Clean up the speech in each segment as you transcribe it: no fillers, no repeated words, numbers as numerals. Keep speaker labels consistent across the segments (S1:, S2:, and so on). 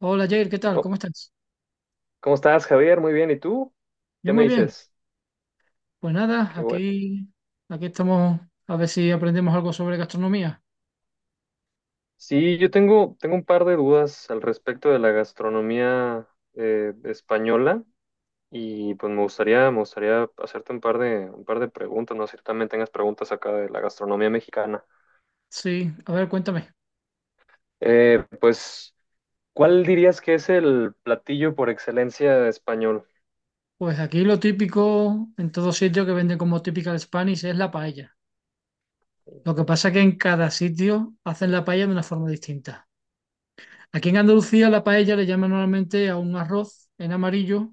S1: Hola Jair, ¿qué tal?
S2: ¿Cómo,
S1: ¿Cómo estás?
S2: cómo estás, Javier? Muy bien. ¿Y tú?
S1: Yo
S2: ¿Qué me
S1: muy bien.
S2: dices?
S1: Pues nada,
S2: Qué bueno.
S1: aquí estamos a ver si aprendemos algo sobre gastronomía.
S2: Sí, yo tengo un par de dudas al respecto de la gastronomía española y pues me gustaría hacerte un par de preguntas, no sé si también tengas preguntas acá de la gastronomía mexicana.
S1: Sí, a ver, cuéntame.
S2: Pues, ¿cuál dirías que es el platillo por excelencia español?
S1: Pues aquí lo típico en todo sitio que venden como typical Spanish es la paella. Lo que pasa es que en cada sitio hacen la paella de una forma distinta. Aquí en Andalucía la paella le llaman normalmente a un arroz en amarillo,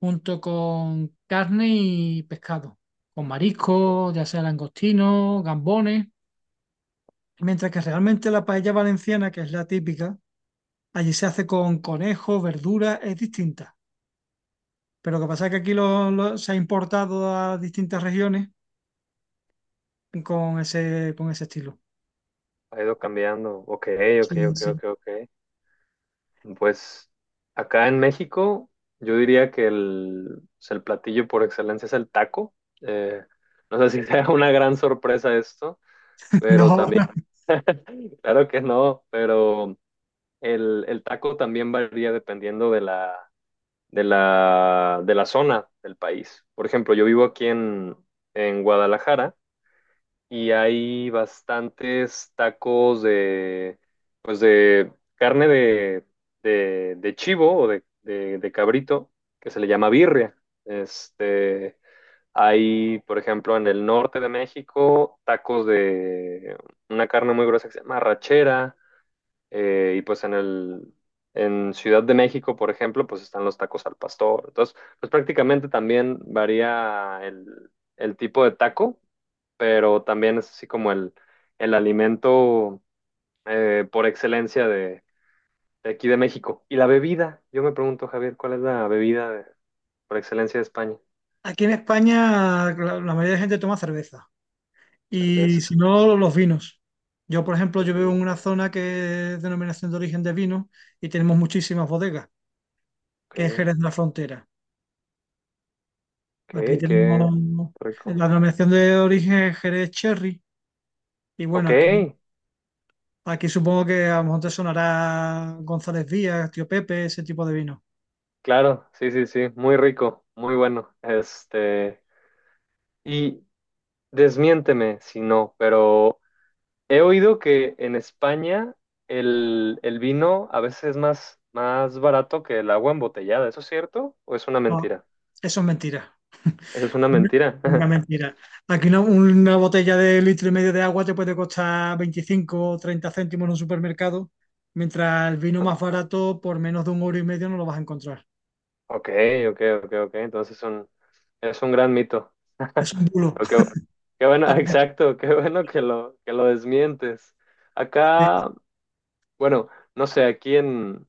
S1: junto con carne y pescado, con
S2: Que
S1: marisco, ya sea langostino, gambones. Mientras que realmente la paella valenciana, que es la típica, allí se hace con conejo, verdura, es distinta. Pero lo que pasa es que aquí se ha importado a distintas regiones con ese estilo.
S2: ha ido cambiando. Ok, ok,
S1: Sí,
S2: ok,
S1: sí.
S2: ok, ok. Pues acá en México, yo diría que pues, el platillo por excelencia es el taco. Eh, no sé si sea una gran sorpresa esto, pero
S1: No,
S2: también, claro que no, pero el taco también varía dependiendo de la zona del país. Por ejemplo, yo vivo aquí en Guadalajara y hay bastantes tacos pues de carne de chivo o de cabrito, que se le llama birria. Este, Hay, por ejemplo, en el norte de México, tacos de una carne muy gruesa que se llama rachera, y pues en Ciudad de México, por ejemplo, pues están los tacos al pastor. Entonces, pues prácticamente también varía el tipo de taco, pero también es así como el alimento por excelencia de aquí de México. Y la bebida, yo me pregunto, Javier, ¿cuál es la bebida por excelencia de España?
S1: aquí en España la mayoría de gente toma cerveza y
S2: Cerveza,
S1: si no, los vinos. Yo, por ejemplo, yo
S2: los
S1: vivo
S2: vi.
S1: en una zona que es denominación de origen de vino y tenemos muchísimas bodegas, que es
S2: Ok,
S1: Jerez de la Frontera. Aquí
S2: ok, qué
S1: tenemos, la
S2: rico.
S1: denominación de origen es Jerez Cherry. Y bueno,
S2: Ok,
S1: aquí supongo que a lo mejor te sonará González Díaz, Tío Pepe, ese tipo de vino.
S2: claro, sí, sí, sí, muy rico, muy bueno. Y desmiénteme si no, pero he oído que en España el vino a veces es más barato que el agua embotellada. ¿Eso es cierto o es una
S1: No,
S2: mentira?
S1: eso es mentira.
S2: Eso es una
S1: Una
S2: mentira.
S1: una mentira. Aquí una botella de litro y medio de agua te puede costar 25 o 30 céntimos en un supermercado, mientras el vino
S2: ¿No?
S1: más barato por menos de un euro y medio no lo vas a encontrar.
S2: Ok, ok, ok, ok. Entonces es un gran mito.
S1: Es un bulo.
S2: Pero qué bueno,
S1: Ah,
S2: exacto, qué bueno que lo desmientes.
S1: sí,
S2: Acá, bueno, no sé, aquí en,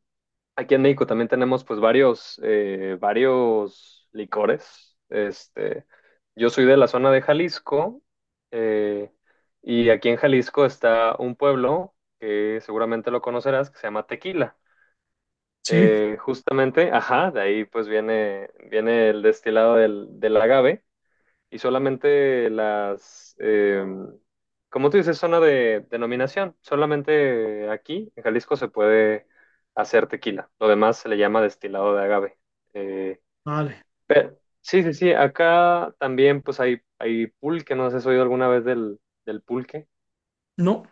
S2: Aquí en México también tenemos pues varios licores. Yo soy de la zona de Jalisco, eh, y aquí en Jalisco está un pueblo que seguramente lo conocerás que se llama Tequila.
S1: Sí,
S2: Justamente, ajá, de ahí pues viene el destilado del agave y solamente como tú dices, zona de denominación. Solamente aquí, en Jalisco, se puede hacer tequila. Lo demás se le llama destilado de agave. Eh,
S1: vale.
S2: sí, sí, sí. Acá también, pues hay pulque. No sé si has oído alguna vez del pulque.
S1: No.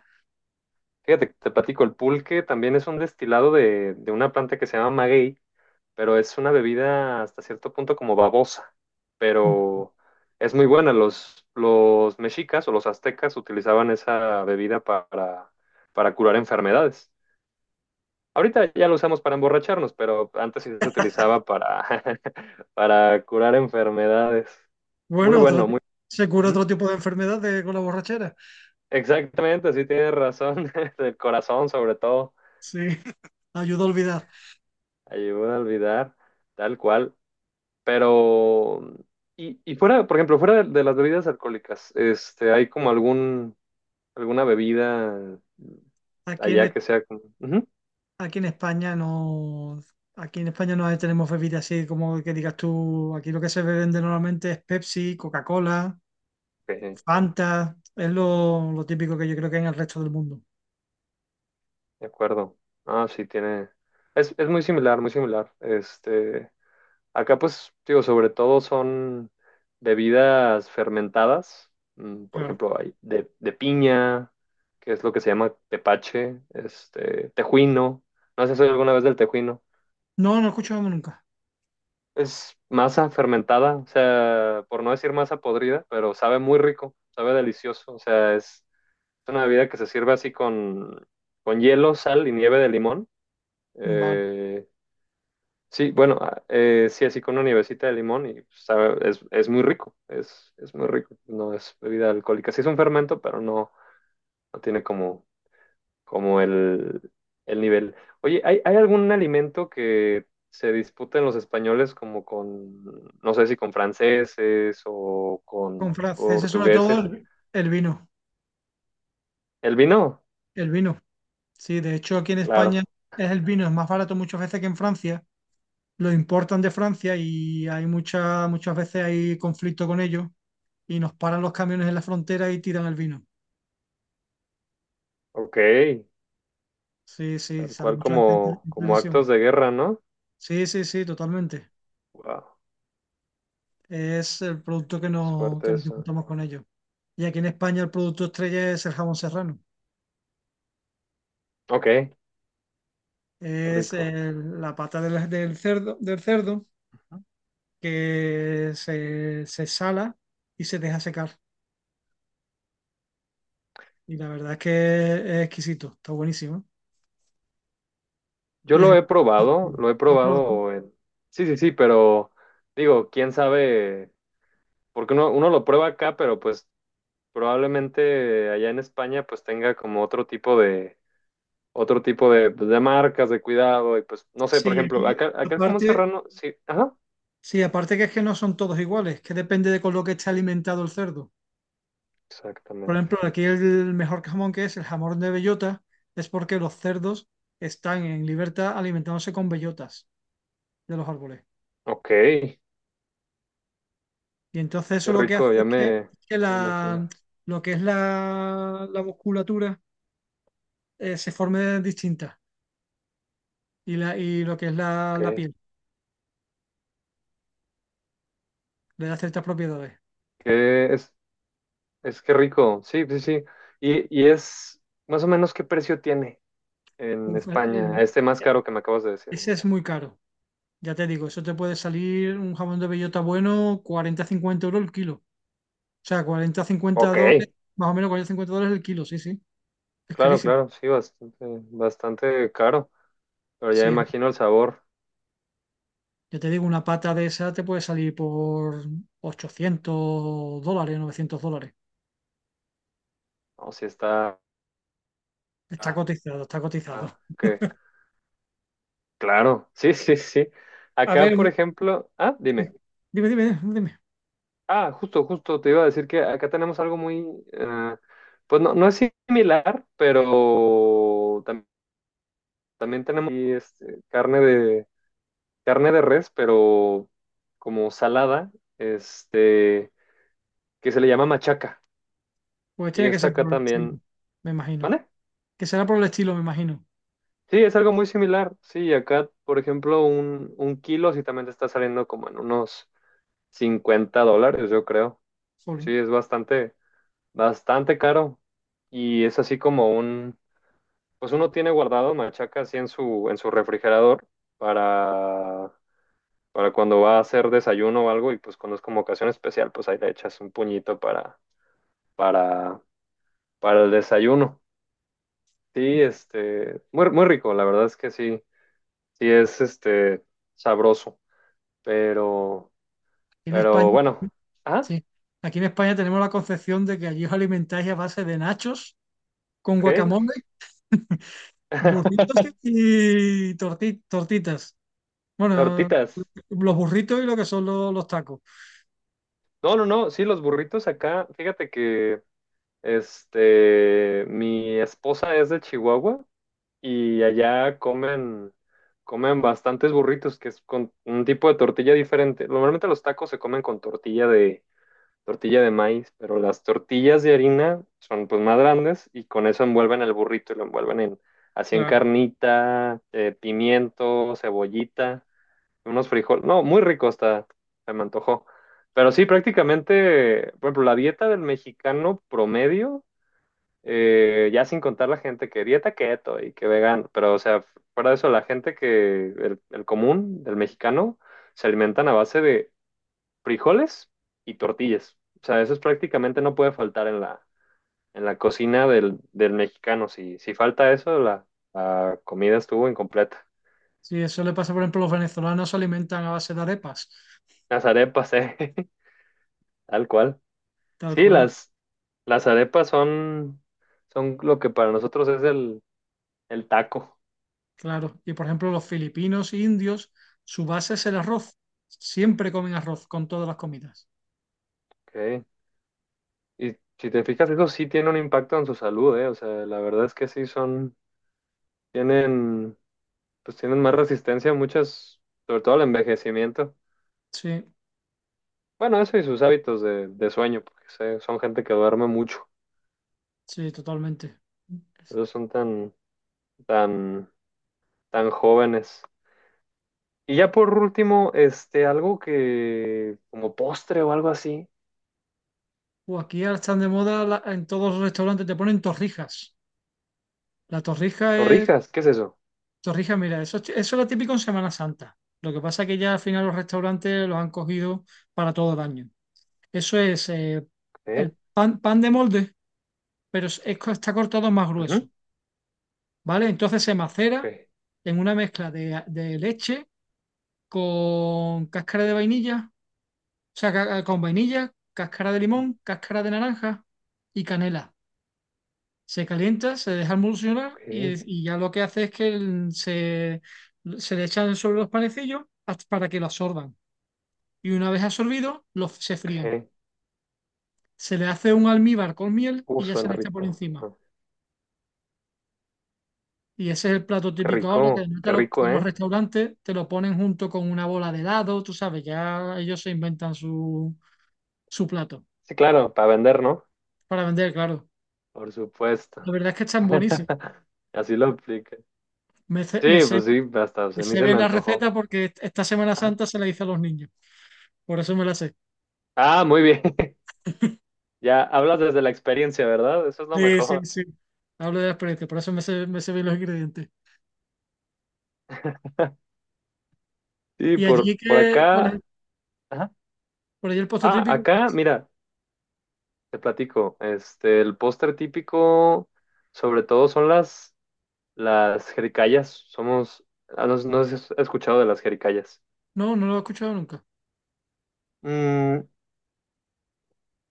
S2: Fíjate, te platico, el pulque también es un destilado de una planta que se llama maguey, pero es una bebida hasta cierto punto como babosa, pero es muy buena. Los mexicas o los aztecas utilizaban esa bebida para curar enfermedades. Ahorita ya lo usamos para emborracharnos, pero antes sí se utilizaba para, para curar enfermedades. Muy
S1: Bueno,
S2: bueno, muy...
S1: se cura
S2: Ujú.
S1: otro tipo de enfermedades con la borrachera.
S2: Exactamente, sí tienes razón. El corazón sobre todo
S1: Sí, ayuda a olvidar.
S2: ayuda a olvidar, tal cual. Pero, y fuera, por ejemplo, fuera de las bebidas alcohólicas, ¿hay como alguna bebida
S1: Aquí
S2: allá
S1: en,
S2: que sea como... Ujú,
S1: Aquí en España no, aquí en España no tenemos bebidas así como que digas tú. Aquí lo que se vende normalmente es Pepsi, Coca-Cola,
S2: ok,
S1: Fanta, es lo típico que yo creo que hay en el resto del mundo.
S2: de acuerdo. Ah, sí, tiene... Es muy similar, muy similar. Acá pues, digo, sobre todo son bebidas fermentadas. Por
S1: Claro.
S2: ejemplo, hay de piña, que es lo que se llama tepache, tejuino. No sé si has oído alguna vez del tejuino.
S1: No, no escuchamos nunca.
S2: Es masa fermentada, o sea, por no decir masa podrida, pero sabe muy rico, sabe delicioso. O sea, es una bebida que se sirve así con hielo, sal y nieve de limón.
S1: Vale.
S2: Eh, sí, bueno, sí, así con una nievecita de limón y sabe, es muy rico, es muy rico. No es bebida alcohólica. Sí es un fermento, pero no tiene como como el nivel. Oye, ¿hay algún alimento que se disputen los españoles como no sé si con franceses o con
S1: Con franceses sobre todo
S2: portugueses?
S1: el vino,
S2: ¿El vino?
S1: el vino. Sí, de hecho aquí en España
S2: Claro,
S1: es el vino, es más barato muchas veces que en Francia. Lo importan de Francia y hay muchas muchas veces hay conflicto con ellos y nos paran los camiones en la frontera y tiran el vino.
S2: ok,
S1: Sí, sí,
S2: tal
S1: sale
S2: cual
S1: muchas veces
S2: como,
S1: en
S2: como
S1: televisión.
S2: actos de guerra, ¿no?
S1: Sí, sí, sí, totalmente.
S2: Wow,
S1: Es el producto que,
S2: es
S1: no, que
S2: fuerte
S1: nos
S2: eso.
S1: disputamos con ellos. Y aquí en España el producto estrella es el jamón serrano.
S2: Ok, qué rico.
S1: La pata del cerdo, del cerdo, que se sala y se deja secar. Y la verdad es que es exquisito, está buenísimo.
S2: Yo
S1: Y es
S2: lo
S1: el-
S2: he probado, lo he
S1: ¿Lo has probado?
S2: probado en... Sí, sí, sí, pero digo, quién sabe, porque uno lo prueba acá, pero pues probablemente allá en España pues tenga como otro tipo de, pues, de marcas de cuidado y pues, no sé, por
S1: Sí,
S2: ejemplo,
S1: aquí,
S2: acá el jamón
S1: aparte,
S2: serrano, sí, ajá,
S1: sí, aparte que es que no son todos iguales, que depende de con lo que esté alimentado el cerdo. Por
S2: exactamente.
S1: ejemplo, aquí el mejor jamón, que es el jamón de bellota, es porque los cerdos están en libertad alimentándose con bellotas de los árboles.
S2: Ok, qué
S1: Y entonces eso, lo que
S2: rico,
S1: hace
S2: ya
S1: es que,
S2: me,
S1: que
S2: me imagino.
S1: la, lo que es la musculatura, se forme distinta, y la, y lo que es la
S2: Ok,
S1: piel, le da ciertas propiedades.
S2: que es, es que rico, sí, sí, sí. Y es más o menos qué precio tiene en
S1: Uf,
S2: España, este más caro que me acabas de decir.
S1: ese es muy caro. Ya te digo, eso te puede salir un jamón de bellota bueno 40-50 euros el kilo. O sea, cuarenta cincuenta
S2: Ok,
S1: dólares, más o menos 40-50 dólares el kilo, sí, sí. Es
S2: claro,
S1: carísimo.
S2: claro, sí, bastante, bastante caro, pero ya
S1: Sí,
S2: imagino el sabor,
S1: ya te digo, una pata de esa te puede salir por 800 dólares, 900 dólares.
S2: o si está...
S1: Está cotizado, está cotizado.
S2: Ah, ok, claro, sí, sí, sí.
S1: A
S2: Acá, por
S1: ver,
S2: ejemplo, dime.
S1: dime, dime, dime.
S2: Ah, justo, justo, te iba a decir que acá tenemos algo eh, pues no es similar, pero también tenemos y, carne de res, pero como salada, este, que se le llama machaca.
S1: Pues
S2: Y
S1: tiene que
S2: esta
S1: ser
S2: acá
S1: por el estilo,
S2: también,
S1: me imagino.
S2: ¿vale?
S1: Que será por el estilo, me imagino.
S2: Sí, es algo muy similar. Sí, acá, por ejemplo, un kilo sí también te está saliendo como en unos 50 dólares, yo creo.
S1: Jolín.
S2: Sí, es bastante, bastante caro. Y es así como pues uno tiene guardado machaca así en en su refrigerador para, para cuando va a hacer desayuno o algo, y pues cuando es como ocasión especial, pues ahí le echas un puñito para, para el desayuno. Sí, muy, muy rico, la verdad es que sí, sí es este sabroso. Pero,
S1: Aquí en
S2: pero
S1: España,
S2: bueno, ah,
S1: sí. Aquí en España tenemos la concepción de que allí os alimentáis a base de nachos con
S2: ok.
S1: guacamole, burritos y tortitas. Bueno,
S2: Tortitas.
S1: los burritos y lo que son los tacos.
S2: No, no, no, sí, los burritos acá, fíjate que mi esposa es de Chihuahua y allá comen bastantes burritos, que es con un tipo de tortilla diferente. Normalmente los tacos se comen con tortilla de maíz, pero las tortillas de harina son pues más grandes y con eso envuelven el burrito y lo envuelven así en
S1: Claro.
S2: carnita, pimiento, cebollita unos frijoles. No, muy rico está, se me antojó. Pero sí, prácticamente, por ejemplo, la dieta del mexicano promedio, ya sin contar la gente que dieta keto y que vegano, pero o sea, fuera de eso, el común, del mexicano, se alimentan a base de frijoles y tortillas. O sea, eso es prácticamente no puede faltar en la cocina del mexicano. Si falta eso, la comida estuvo incompleta.
S1: Sí, eso le pasa, por ejemplo, los venezolanos se alimentan a base de arepas,
S2: Las arepas, tal cual.
S1: tal
S2: Sí,
S1: cual,
S2: las arepas son lo que para nosotros es el taco.
S1: claro. Y por ejemplo, los filipinos e indios, su base es el arroz. Siempre comen arroz con todas las comidas.
S2: ¿Ok? Y si te fijas, eso sí tiene un impacto en su salud, ¿eh? O sea, la verdad es que sí son, tienen, pues tienen más resistencia a muchas, sobre todo al envejecimiento.
S1: Sí,
S2: Bueno, eso y sus hábitos de sueño, porque son gente que duerme mucho.
S1: sí, totalmente.
S2: Esos son tan, tan, tan jóvenes. Y ya por último, algo como postre o algo así,
S1: O aquí ahora están de moda en todos los restaurantes te ponen torrijas. La torrija es,
S2: torrijas, ¿qué es eso?
S1: torrija, mira, eso, eso era típico en Semana Santa. Lo que pasa es que ya al final los restaurantes los han cogido para todo el año. Eso es,
S2: ¿Ok?
S1: el pan, pan de molde, pero está cortado más grueso,
S2: Ujú,
S1: ¿vale? Entonces se
S2: Ok,
S1: macera en una mezcla de leche con cáscara de vainilla, o sea, con vainilla, cáscara de limón, cáscara de naranja y canela. Se calienta, se deja emulsionar
S2: ok,
S1: y ya lo que hace es que se le echan sobre los panecillos, para que lo absorban. Y una vez absorbido, se fríen.
S2: ok.
S1: Se le hace un almíbar con miel y ya se
S2: Suena
S1: le echa por
S2: rico.
S1: encima. Y ese es el plato
S2: Qué
S1: típico ahora, que
S2: rico,
S1: no te
S2: qué
S1: lo-
S2: rico,
S1: los
S2: ¿eh?
S1: restaurantes te lo ponen junto con una bola de helado, tú sabes, ya ellos se inventan su, plato
S2: Sí, claro, para vender, ¿no?
S1: para vender, claro.
S2: Por supuesto.
S1: La verdad es que están buenísimos.
S2: Así lo aplica.
S1: Me, sé-
S2: Sí,
S1: me, sé,
S2: pues sí, hasta pues,
S1: me
S2: a mí
S1: sé
S2: se me
S1: bien la
S2: antojó.
S1: receta porque esta Semana
S2: Ah,
S1: Santa se la hice a los niños, por eso me la sé.
S2: Muy bien. Ya hablas desde la experiencia, ¿verdad? Eso es lo
S1: Sí, sí,
S2: mejor.
S1: sí. Hablo de la experiencia, por eso me sé bien los ingredientes.
S2: Sí,
S1: ¿Y
S2: por,
S1: allí
S2: por
S1: que cuál es?
S2: acá. Ajá.
S1: ¿Por allí el postre
S2: Ah,
S1: típico cuál
S2: acá,
S1: es?
S2: mira, te platico. El póster típico, sobre todo son las jericayas somos. No, no sé si has escuchado de las jericayas.
S1: No, no lo he escuchado nunca.
S2: Mm,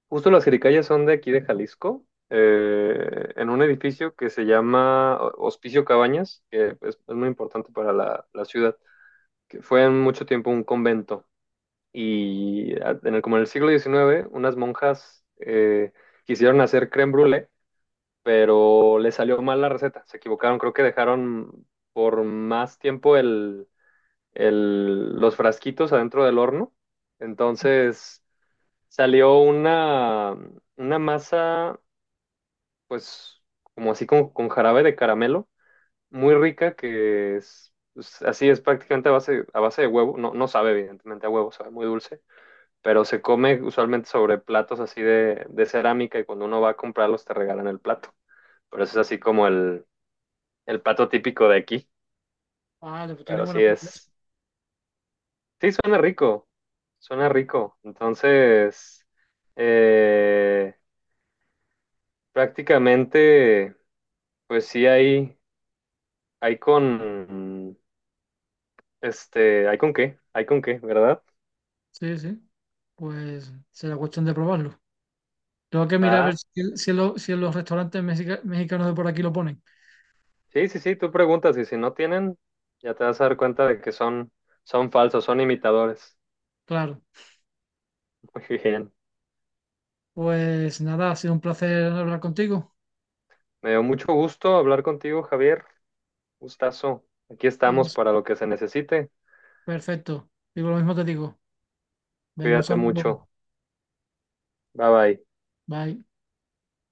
S2: justo las jericayas son de aquí de Jalisco, en un edificio que se llama Hospicio Cabañas, que es muy importante para la ciudad, que fue en mucho tiempo un convento. Y como en el siglo XIX unas monjas quisieron hacer crème brûlée, pero les salió mal la receta. Se equivocaron, creo que dejaron por más tiempo los frasquitos adentro del horno. Entonces salió una masa, pues como así como con jarabe de caramelo, muy rica que es, pues, así es prácticamente a base de huevo. No, no sabe evidentemente a huevo, sabe muy dulce, pero se come usualmente sobre platos así de cerámica y cuando uno va a comprarlos te regalan el plato. Pero eso es así como el plato típico de aquí,
S1: Vale, pues tiene
S2: pero sí
S1: buena pinta eso.
S2: es. Sí, suena rico, suena rico. Entonces, eh, prácticamente, pues sí hay hay con qué, ¿verdad?
S1: Sí, sí. Pues será cuestión de probarlo. Tengo que mirar a ver
S2: Ah,
S1: si en los restaurantes mexicanos de por aquí lo ponen.
S2: sí, sí, sí, tú preguntas y si no tienen, ya te vas a dar cuenta de que son falsos, son imitadores.
S1: Claro.
S2: Muy bien.
S1: Pues nada, ha sido un placer hablar contigo.
S2: Me dio mucho gusto hablar contigo, Javier. Gustazo. Aquí
S1: Y
S2: estamos
S1: es
S2: para lo que se necesite.
S1: perfecto. Digo, lo mismo te digo. Venga, un
S2: Cuídate
S1: saludo.
S2: mucho. Bye bye.
S1: Bye.